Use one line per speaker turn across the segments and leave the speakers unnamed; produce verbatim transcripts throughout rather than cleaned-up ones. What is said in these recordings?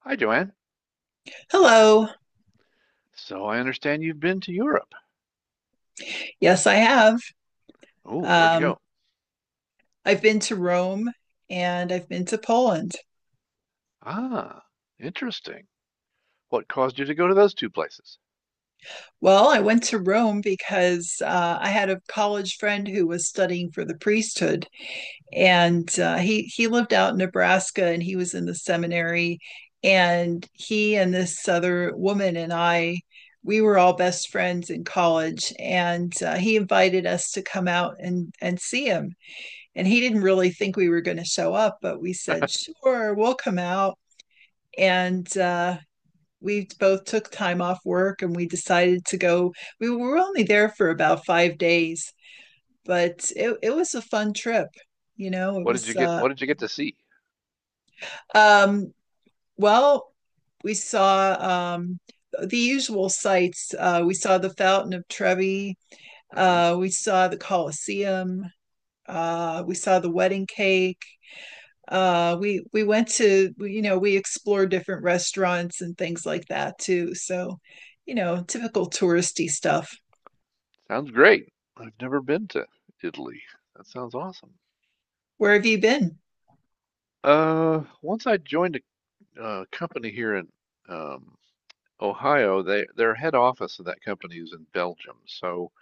Hi, Joanne.
Hello.
So I understand you've been to Europe.
Yes, I have.
Oh, where'd you
Um,
go?
I've been to Rome and I've been to Poland.
Ah, interesting. What caused you to go to those two places?
Well, I went to Rome because uh, I had a college friend who was studying for the priesthood, and uh, he he lived out in Nebraska and he was in the seminary, and he and this other woman and I. We were all best friends in college, and uh, he invited us to come out and, and see him. And he didn't really think we were going to show up, but we said, sure, we'll come out. And uh, we both took time off work and we decided to go. We were only there for about five days, but it, it was a fun trip. You know, it
What did you
was,
get?
uh,
What did you get to see?
um, well, we saw um, the usual sights. Uh, we saw the Fountain of Trevi.
uh
Uh, we saw the Colosseum. Uh, we saw the wedding cake. uh we we went to, you know we explored different restaurants and things like that too. So, you know typical touristy stuff.
Sounds great. I've never been to Italy. That sounds awesome.
Where have you been?
Uh, once I joined a uh, company here in um, Ohio, they their head office of that company is in Belgium. So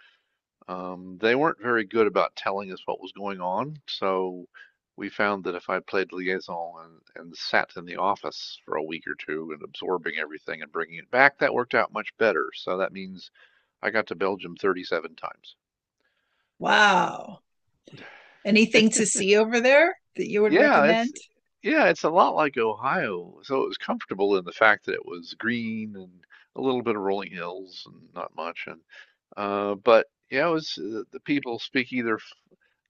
Um, they weren't very good about telling us what was going on, so we found that if I played liaison and, and sat in the office for a week or two and absorbing everything and bringing it back, that worked out much better. So that means I got to Belgium thirty-seven times.
Wow. Anything to see over there that you would
Yeah, it's
recommend?
yeah, it's a lot like Ohio. So it was comfortable in the fact that it was green and a little bit of rolling hills and not much. And uh, but yeah, it was the, the people speak either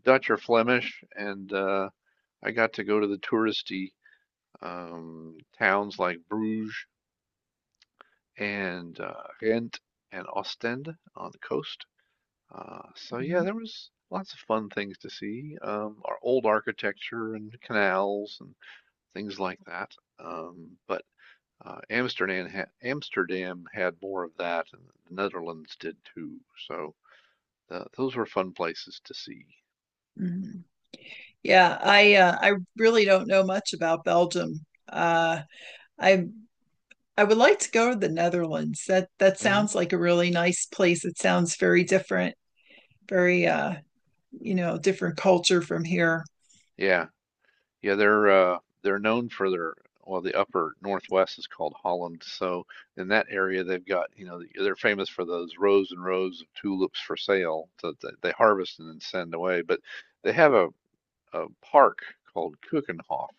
Dutch or Flemish, and uh, I got to go to the touristy um, towns like Bruges and uh, Ghent and Ostend on the coast. Uh, so yeah,
Mhm,
there was lots of fun things to see. Um, our old architecture and canals and things like that. Um, but uh, Amsterdam ha- Amsterdam had more of that, and the Netherlands did too. So uh, those were fun places to see.
mhm. Yeah, I uh, I really don't know much about Belgium. Uh i I would like to go to the Netherlands. That that
hmm
sounds like a really nice place. It sounds very different, very uh, you know, different culture from here.
Yeah. Yeah, they're uh they're known for their well, the upper northwest is called Holland. So in that area, they've got, you know, they're famous for those rows and rows of tulips for sale that that they harvest and then send away. But they have a, a park called Kuchenhof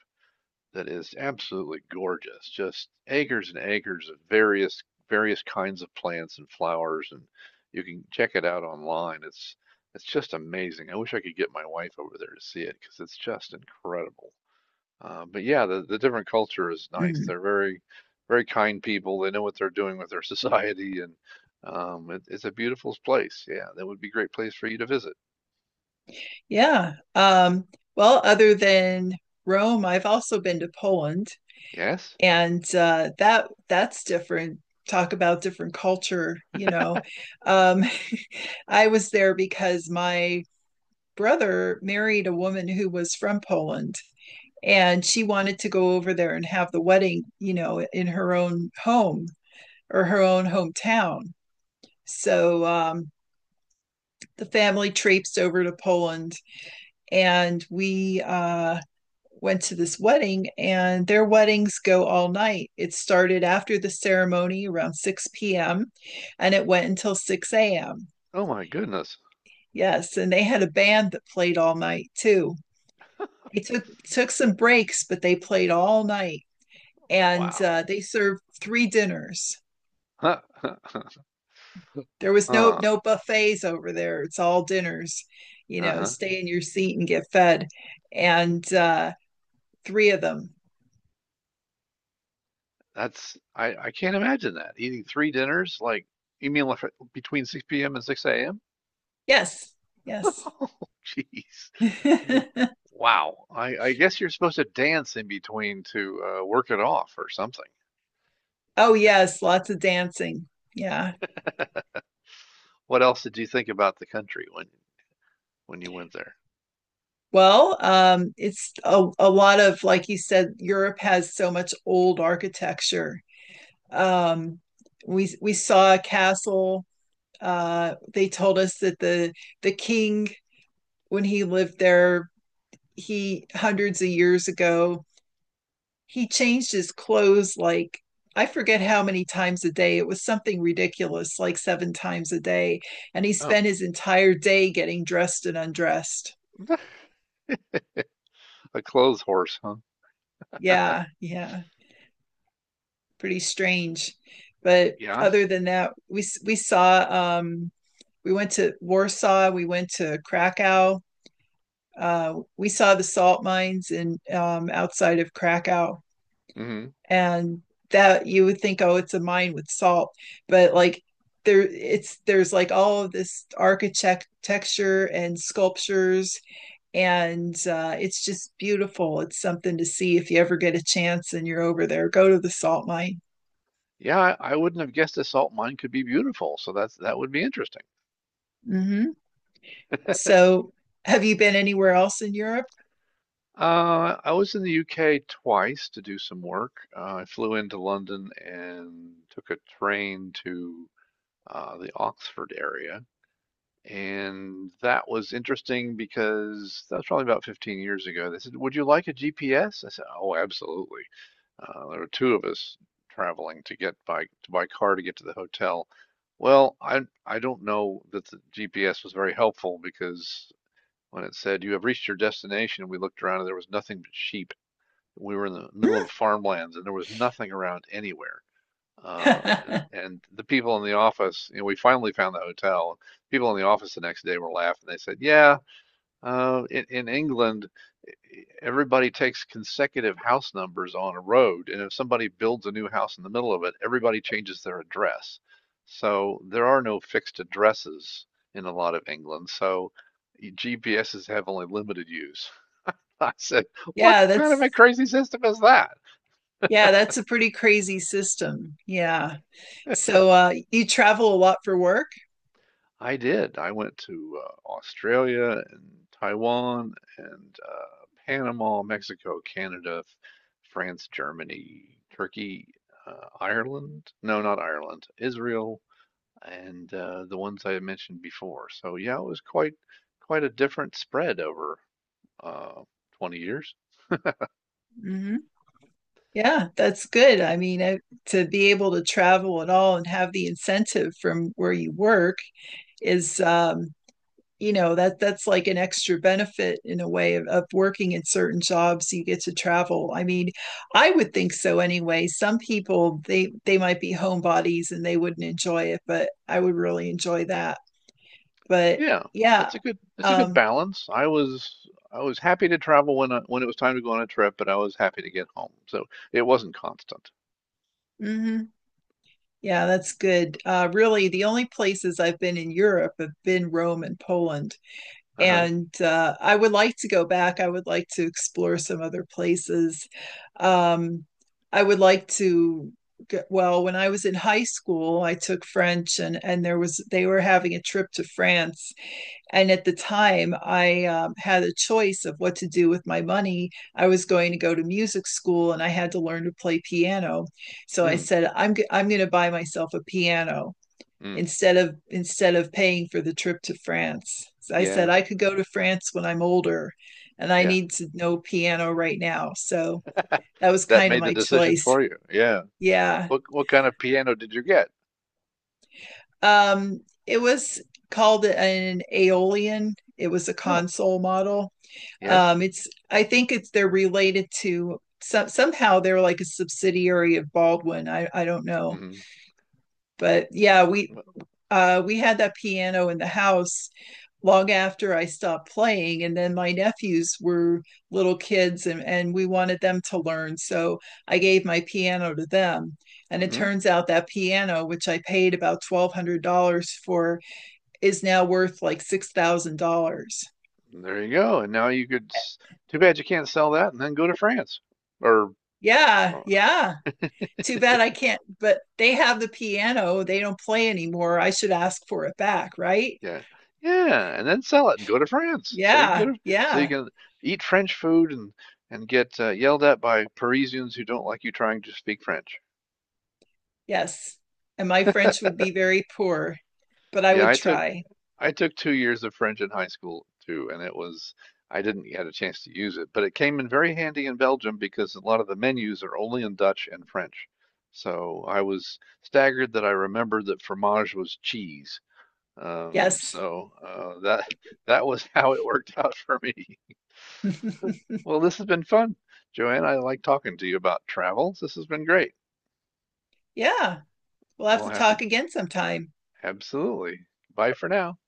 that is absolutely gorgeous. Just acres and acres of various various kinds of plants and flowers, and you can check it out online. It's it's just amazing. I wish I could get my wife over there to see it because it's just incredible. Uh, but yeah, the, the different culture is nice.
Mhm.
They're very, very kind people. They know what they're doing with their society, and um, it, it's a beautiful place. Yeah, that would be a great place for you to visit.
Yeah. Um, well, other than Rome, I've also been to Poland,
Yes?
and uh, that that's different. Talk about different culture, you know. Um, I was there because my brother married a woman who was from Poland and she wanted to go over there and have the wedding, you know, in her own home or her own hometown. So um, the family traipsed over to Poland and we uh, went to this wedding, and their weddings go all night. It started after the ceremony around six p m and it went until six a m.
Oh my goodness.
Yes, and they had a band that played all night too. They took took some breaks, but they played all night, and uh,
Wow.
they served three dinners.
Huh.
There was no
Huh.
no buffets over there. It's all dinners. You know,
Uh-huh.
stay in your seat and get fed. And uh, three of them.
That's I, I can't imagine that. Eating three dinners, like you mean like, between six p m and six a m?
Yes, yes.
Oh, jeez. Wow. I, I guess you're supposed to dance in between to uh, work it off or something.
Oh yes, lots of dancing. Yeah.
What else did you think about the country when when you went there?
Well, um, it's a, a lot of, like you said, Europe has so much old architecture. Um, we we saw a castle. uh, they told us that the the king when he lived there, he hundreds of years ago, he changed his clothes like, I forget how many times a day. It was something ridiculous, like seven times a day. And he
Oh,
spent his entire day getting dressed and undressed.
a clothes horse, huh?
Yeah, yeah, pretty strange. But
Yeah.
other than that, we we saw um, we went to Warsaw, we went to Krakow, uh, we saw the salt mines in um, outside of Krakow,
hmm
and that, you would think, oh, it's a mine with salt, but like there, it's there's like all of this architecture and sculptures, and uh, it's just beautiful. It's something to see if you ever get a chance and you're over there. Go to the salt mine.
Yeah, I I wouldn't have guessed a salt mine could be beautiful, so that's that would be interesting.
Mm-hmm. So, have you been anywhere else in Europe?
Uh, I was in the U K twice to do some work. Uh, I flew into London and took a train to uh, the Oxford area. And that was interesting because that was probably about fifteen years ago. They said, would you like a G P S? I said, oh, absolutely. Uh, there were two of us traveling to get by to by car to get to the hotel. Well, I I don't know that the G P S was very helpful because when it said you have reached your destination, we looked around and there was nothing but sheep. We were in the middle of farmlands and there was nothing around anywhere. Uh, and, and the people in the office, you know, we finally found the hotel. People in the office the next day were laughing. They said, "Yeah, uh, in, in England, everybody takes consecutive house numbers on a road, and if somebody builds a new house in the middle of it, everybody changes their address. So there are no fixed addresses in a lot of England, so y- G P Ss have only limited use." I said, what
Yeah,
kind of a
that's,
crazy system is that?
yeah, that's a pretty crazy system. Yeah. So uh, you travel a lot for work?
I did. I went to uh, Australia and Taiwan and uh, Panama, Mexico, Canada, F- France, Germany, Turkey, uh, Ireland. No, not Ireland. Israel and uh, the ones I mentioned before. So yeah, it was quite quite a different spread over uh, twenty years.
Hmm. Yeah, that's good. I mean, I, to be able to travel at all and have the incentive from where you work is, um, you know, that that's like an extra benefit in a way of, of working in certain jobs. You get to travel. I mean, I would think so anyway. Some people, they they might be homebodies and they wouldn't enjoy it, but I would really enjoy that. But
Yeah,
yeah,
it's a good it's a good
um,
balance. I was I was happy to travel when I, when it was time to go on a trip, but I was happy to get home. So it wasn't constant.
mm-hmm. Yeah, that's good. Uh, really, the only places I've been in Europe have been Rome and Poland.
Uh-huh.
And uh, I would like to go back. I would like to explore some other places. Um, I would like to get, well, when I was in high school, I took French and and there was, they were having a trip to France and at the time, I um, had a choice of what to do with my money. I was going to go to music school and I had to learn to play piano. So I
Mm.
said, I'm, g- I'm going to buy myself a piano
Mm,
instead of instead of paying for the trip to France. So I said
yeah,
I could go to France when I'm older and I
yeah.
need to know piano right now. So that was
That
kind of
made the
my
decision
choice.
for you. Yeah.
Yeah.
What what kind of piano did you get?
Um, it was called an Aeolian. It was a
Oh,
console model.
yes.
Um, it's I think it's they're related to some, somehow they're like a subsidiary of Baldwin. I I don't know,
Mm-hmm.
but
Well,
yeah, we
well,
uh, we had that piano in the house long after I stopped playing. And then my nephews were little kids and, and we wanted them to learn. So I gave my piano to them. And it
Mm-hmm.
turns out that piano, which I paid about twelve hundred dollars for, is now worth like six thousand dollars.
There you go. And now you could. s- Too bad you can't sell that and then go to France. Or,
Yeah,
or
yeah. Too bad I can't, but they have the piano. They don't play anymore. I should ask for it back, right?
yeah, yeah, and then sell it and go to France. So you go
Yeah,
to, so you
yeah,
can eat French food and and get uh, yelled at by Parisians who don't like you trying to speak French.
yes. And my French would be very poor, but I
Yeah,
would
I took
try.
I took two years of French in high school too, and it was I didn't get a chance to use it, but it came in very handy in Belgium because a lot of the menus are only in Dutch and French. So I was staggered that I remembered that fromage was cheese. Um,
Yes.
so uh, that that was how it worked out for me. Well, this has been fun, Joanne. I like talking to you about travels. This has been great.
Yeah. We'll have
We'll
to
have to
talk again sometime.
Absolutely. Bye for now.